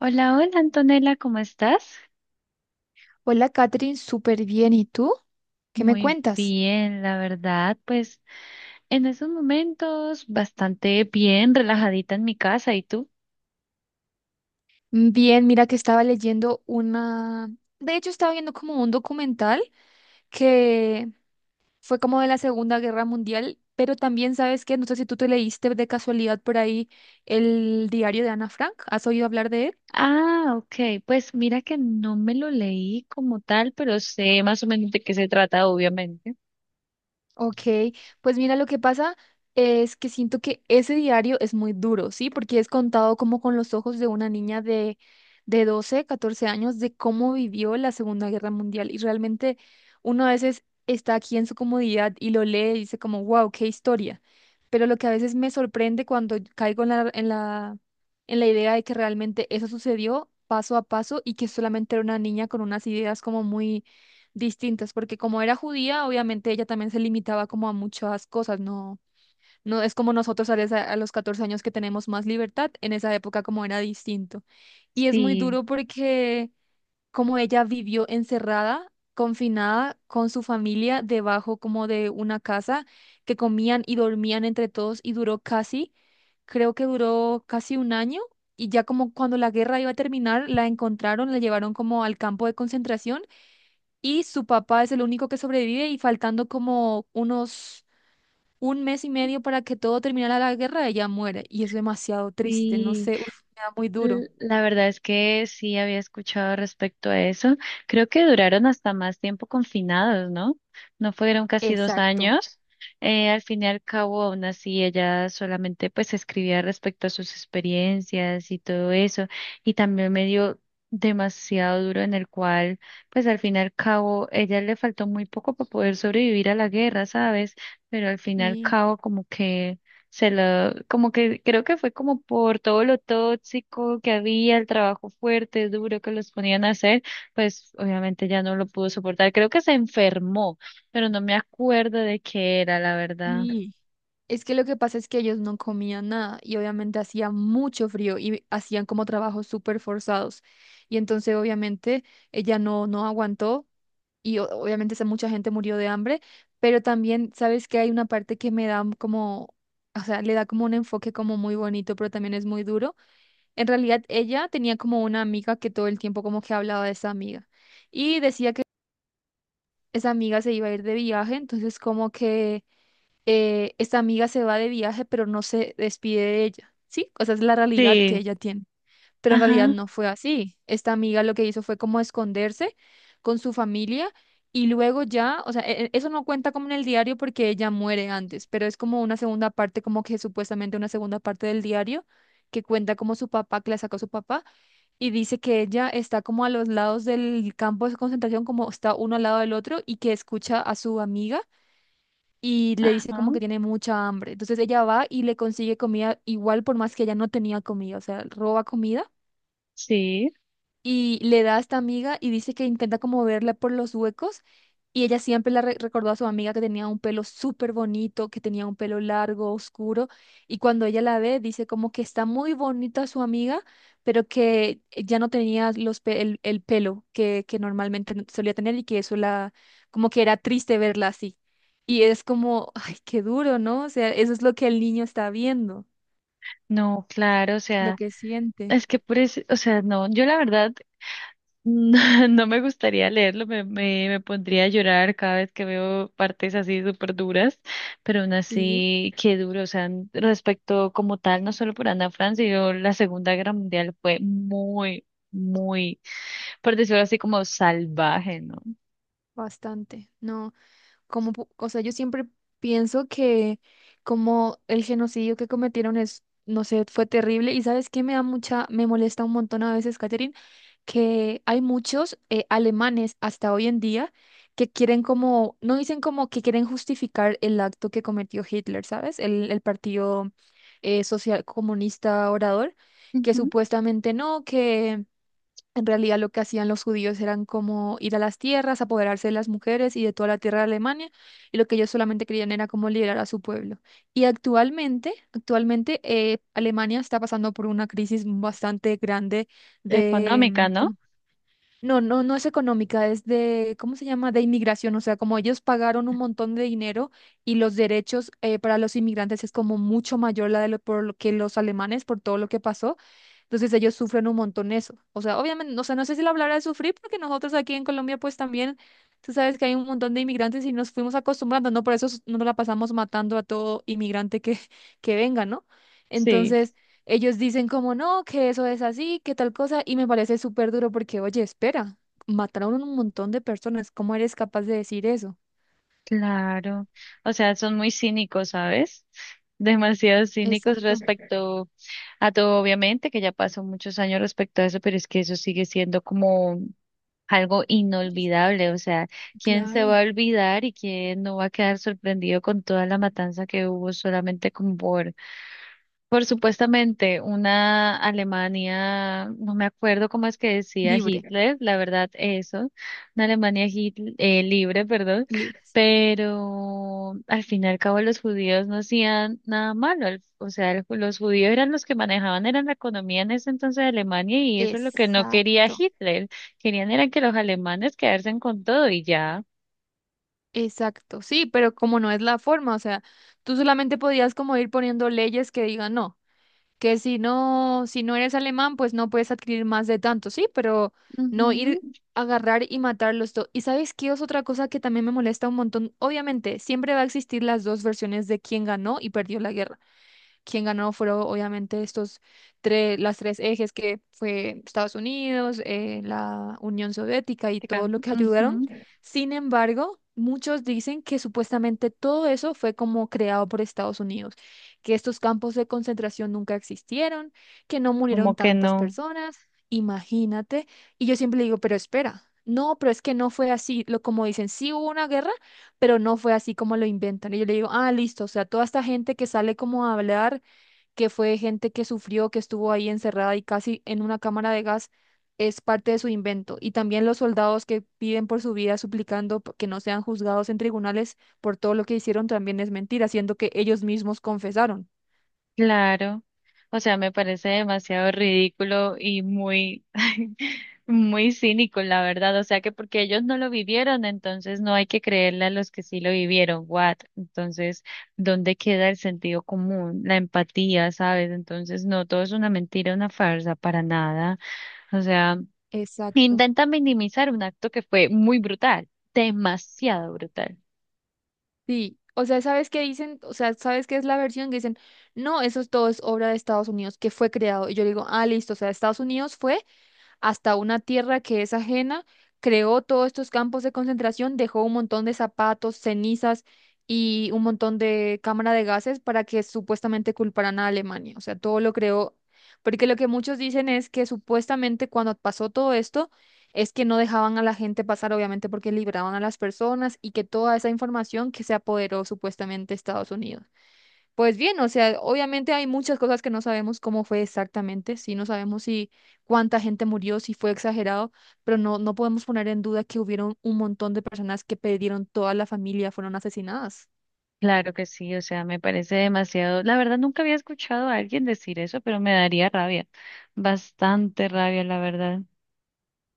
Hola, hola Antonella, ¿cómo estás? Hola, Katherine, súper bien. ¿Y tú? ¿Qué me Muy cuentas? bien, la verdad, pues en esos momentos bastante bien, relajadita en mi casa, ¿y tú? Bien, mira que estaba leyendo una... De hecho, estaba viendo como un documental que fue como de la Segunda Guerra Mundial, pero también sabes que, no sé si tú te leíste de casualidad por ahí el diario de Ana Frank. ¿Has oído hablar de él? Ah, ok, pues mira que no me lo leí como tal, pero sé más o menos de qué se trata, obviamente. Ok, pues mira, lo que pasa es que siento que ese diario es muy duro, ¿sí? Porque es contado como con los ojos de una niña de 12, 14 años, de cómo vivió la Segunda Guerra Mundial. Y realmente uno a veces está aquí en su comodidad y lo lee y dice como, wow, qué historia. Pero lo que a veces me sorprende cuando caigo en la idea de que realmente eso sucedió paso a paso y que solamente era una niña con unas ideas como muy distintas, porque como era judía, obviamente ella también se limitaba como a muchas cosas, no, no es como nosotros a, a los 14 años que tenemos más libertad, en esa época como era distinto. Y es muy Sí, duro porque como ella vivió encerrada, confinada con su familia debajo como de una casa que comían y dormían entre todos y duró casi, creo que duró casi un año. Y ya como cuando la guerra iba a terminar, la encontraron, la llevaron como al campo de concentración y su papá es el único que sobrevive y faltando como unos un mes y medio para que todo terminara la guerra, ella muere y es demasiado triste, no sí. sé, uf, me da muy duro. La verdad es que sí había escuchado respecto a eso. Creo que duraron hasta más tiempo confinados, ¿no? No fueron casi dos Exacto. años. Al fin y al cabo, aún así, ella solamente pues escribía respecto a sus experiencias y todo eso. Y también me dio demasiado duro en el cual, pues al fin y al cabo, ella le faltó muy poco para poder sobrevivir a la guerra, ¿sabes? Pero al fin y al Sí, cabo, como que se lo, como que creo que fue como por todo lo tóxico que había, el trabajo fuerte, duro que los ponían a hacer, pues obviamente ya no lo pudo soportar. Creo que se enfermó, pero no me acuerdo de qué era, la verdad. sí. Es que lo que pasa es que ellos no comían nada y obviamente hacía mucho frío y hacían como trabajos súper forzados. Y entonces obviamente ella no aguantó y obviamente esa mucha gente murió de hambre, pero también sabes que hay una parte que me da como, o sea, le da como un enfoque como muy bonito, pero también es muy duro. En realidad ella tenía como una amiga que todo el tiempo como que hablaba de esa amiga y decía que esa amiga se iba a ir de viaje, entonces como que esta amiga se va de viaje, pero no se despide de ella, ¿sí? O sea, es la realidad que Sí, ella tiene, pero en realidad ajá, no fue así. Esta amiga lo que hizo fue como esconderse con su familia y luego ya, o sea, eso no cuenta como en el diario porque ella muere antes, pero es como una segunda parte, como que supuestamente una segunda parte del diario que cuenta como su papá, que la sacó su papá, y dice que ella está como a los lados del campo de concentración, como está uno al lado del otro, y que escucha a su amiga y le dice ajá, como que tiene mucha hambre. Entonces ella va y le consigue comida igual por más que ella no tenía comida, o sea, roba comida sí. y le da a esta amiga y dice que intenta como verla por los huecos y ella siempre la recordó a su amiga que tenía un pelo súper bonito, que tenía un pelo largo, oscuro y cuando ella la ve dice como que está muy bonita su amiga, pero que ya no tenía los el pelo que normalmente solía tener y que eso la como que era triste verla así. Y es como, ay, qué duro, ¿no? O sea, eso es lo que el niño está viendo, No, claro, o lo sea, que siente. es que por eso, o sea, no, yo la verdad no, no me gustaría leerlo, me pondría a llorar cada vez que veo partes así súper duras, pero aún Sí, así, qué duro, o sea, respecto como tal, no solo por Ana Frank, sino la Segunda Guerra Mundial fue muy, muy, por decirlo así, como salvaje, ¿no? bastante. No. Como, o sea, yo siempre pienso que como el genocidio que cometieron es, no sé, fue terrible. Y sabes qué me da mucha, me molesta un montón a veces, Catherine, que hay muchos alemanes hasta hoy en día que quieren como, no dicen como que quieren justificar el acto que cometió Hitler, ¿sabes? El partido social comunista orador, que Ujú. supuestamente no, que en realidad lo que hacían los judíos eran como ir a las tierras, apoderarse de las mujeres y de toda la tierra de Alemania, y lo que ellos solamente querían era como liberar a su pueblo. Y actualmente Alemania está pasando por una crisis bastante grande ¿Económica, de, no? no, no, no es económica, es de, ¿cómo se llama? De inmigración, o sea, como ellos pagaron un montón de dinero y los derechos para los inmigrantes es como mucho mayor la de lo, por lo que los alemanes, por todo lo que pasó, entonces ellos sufren un montón eso, o sea, obviamente, o sea, no sé si la palabra es sufrir, porque nosotros aquí en Colombia pues también, tú sabes que hay un montón de inmigrantes y nos fuimos acostumbrando, ¿no? Por eso no la pasamos matando a todo inmigrante que, que venga, ¿no? Sí. Ellos dicen como no, que eso es así, que tal cosa, y me parece súper duro porque, oye, espera, mataron un montón de personas, ¿cómo eres capaz de decir eso? Claro, o sea, son muy cínicos, ¿sabes? Demasiado cínicos Exacto. respecto a todo, obviamente, que ya pasó muchos años respecto a eso, pero es que eso sigue siendo como algo Pues, inolvidable, o sea, ¿quién se claro. va a olvidar y quién no va a quedar sorprendido con toda la matanza que hubo solamente como por supuestamente una Alemania? No me acuerdo cómo es que decía Libre, Hitler, la verdad eso, una Alemania libre, perdón, libres. pero al fin y al cabo los judíos no hacían nada malo, o sea, los judíos eran los que manejaban, eran la economía en ese entonces de Alemania y eso es lo que no quería Exacto. Hitler, querían era que los alemanes quedarse con todo y ya. Exacto, sí, pero como no es la forma, o sea, tú solamente podías como ir poniendo leyes que digan no. Que si no, si no eres alemán, pues no puedes adquirir más de tanto, sí, pero no ir Ujú, a agarrar y matarlos todo. ¿Y sabes qué es otra cosa que también me molesta un montón? Obviamente, siempre va a existir las dos versiones de quién ganó y perdió la guerra, quien ganó fueron obviamente estos tres, las tres ejes que fue Estados Unidos, la Unión Soviética y todo chica, lo que ayudaron. ujú. Sin embargo, muchos dicen que supuestamente todo eso fue como creado por Estados Unidos, que estos campos de concentración nunca existieron, que no murieron Como que tantas no. personas. Imagínate. Y yo siempre digo, pero espera. No, pero es que no fue así, lo como dicen, sí hubo una guerra, pero no fue así como lo inventan. Y yo le digo, ah, listo, o sea, toda esta gente que sale como a hablar que fue gente que sufrió, que estuvo ahí encerrada y casi en una cámara de gas, es parte de su invento. Y también los soldados que piden por su vida suplicando que no sean juzgados en tribunales por todo lo que hicieron también es mentira, siendo que ellos mismos confesaron. Claro, o sea, me parece demasiado ridículo y muy, muy cínico, la verdad. O sea, que porque ellos no lo vivieron, entonces no hay que creerle a los que sí lo vivieron. What? Entonces, ¿dónde queda el sentido común, la empatía, sabes? Entonces, no, todo es una mentira, una farsa, para nada. O sea, Exacto. intenta minimizar un acto que fue muy brutal, demasiado brutal. Sí. O sea, ¿sabes qué dicen? O sea, ¿sabes qué es la versión que dicen? No, eso es todo es obra de Estados Unidos, que fue creado. Y yo digo, ah, listo, o sea, Estados Unidos fue hasta una tierra que es ajena, creó todos estos campos de concentración, dejó un montón de zapatos, cenizas y un montón de cámara de gases para que supuestamente culparan a Alemania. O sea, todo lo creó, porque lo que muchos dicen es que supuestamente cuando pasó todo esto, es que no dejaban a la gente pasar, obviamente porque liberaban a las personas y que toda esa información que se apoderó supuestamente Estados Unidos. Pues bien, o sea, obviamente hay muchas cosas que no sabemos cómo fue exactamente, sí, no sabemos si cuánta gente murió, si fue exagerado, pero no, no podemos poner en duda que hubieron un montón de personas que perdieron toda la familia, fueron asesinadas. Claro que sí, o sea, me parece demasiado. La verdad, nunca había escuchado a alguien decir eso, pero me daría rabia, bastante rabia, la verdad.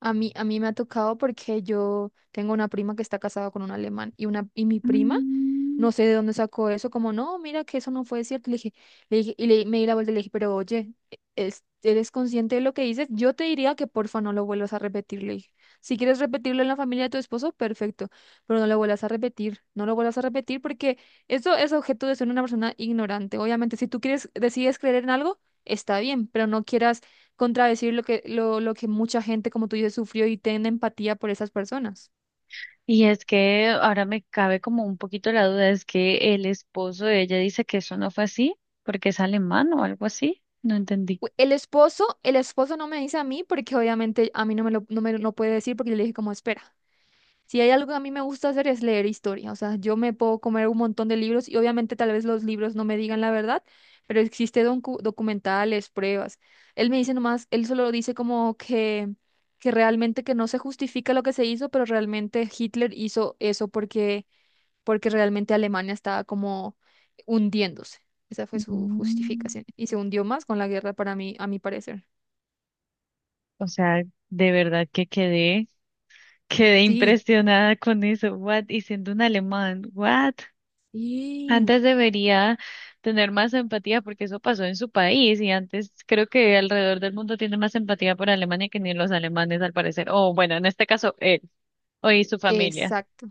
A mí me ha tocado porque yo tengo una prima que está casada con un alemán y, una, y mi prima Mm. no sé de dónde sacó eso, como no, mira que eso no fue cierto. Le dije, y le, me di la vuelta y le dije, pero oye, ¿eres consciente de lo que dices? Yo te diría que porfa no lo vuelvas a repetir, le dije. Si quieres repetirlo en la familia de tu esposo, perfecto, pero no lo vuelvas a repetir, no lo vuelvas a repetir porque eso es objeto de ser una persona ignorante. Obviamente, si tú quieres, decides creer en algo, está bien, pero no quieras contradecir lo que mucha gente, como tú dices, sufrió y ten empatía por esas personas. Y es que ahora me cabe como un poquito la duda, es que el esposo de ella dice que eso no fue así, porque es alemán o algo así. No entendí. El esposo no me dice a mí porque obviamente a mí no me lo, no me lo puede decir porque yo le dije como espera. Si hay algo que a mí me gusta hacer es leer historia, o sea, yo me puedo comer un montón de libros y obviamente tal vez los libros no me digan la verdad, pero existe documentales, pruebas. Él me dice nomás, él solo dice como que realmente que no se justifica lo que se hizo, pero realmente Hitler hizo eso porque porque realmente Alemania estaba como hundiéndose. Esa fue su Mm, justificación. Y se hundió más con la guerra para mí, a mi parecer. o sea, de verdad que quedé, quedé Sí, impresionada con eso. What? Y siendo un alemán, what? sí, Antes debería tener más empatía porque eso pasó en su país y antes creo que alrededor del mundo tiene más empatía por Alemania que ni los alemanes al parecer. O bueno, en este caso él o y su familia. exacto,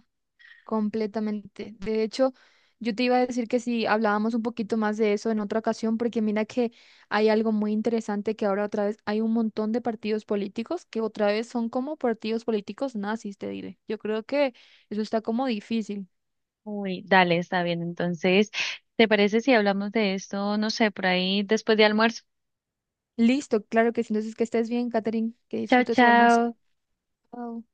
completamente. De hecho, yo te iba a decir que si hablábamos un poquito más de eso en otra ocasión, porque mira que hay algo muy interesante que ahora otra vez hay un montón de partidos políticos que otra vez son como partidos políticos nazis, te diré. Yo creo que eso está como difícil. Uy, dale, está bien. Entonces, ¿te parece si hablamos de esto, no sé, por ahí después de almuerzo? Listo, claro que sí. Entonces, que estés bien, Catherine, que Chao, disfrutes su almuerzo. chao. Chao.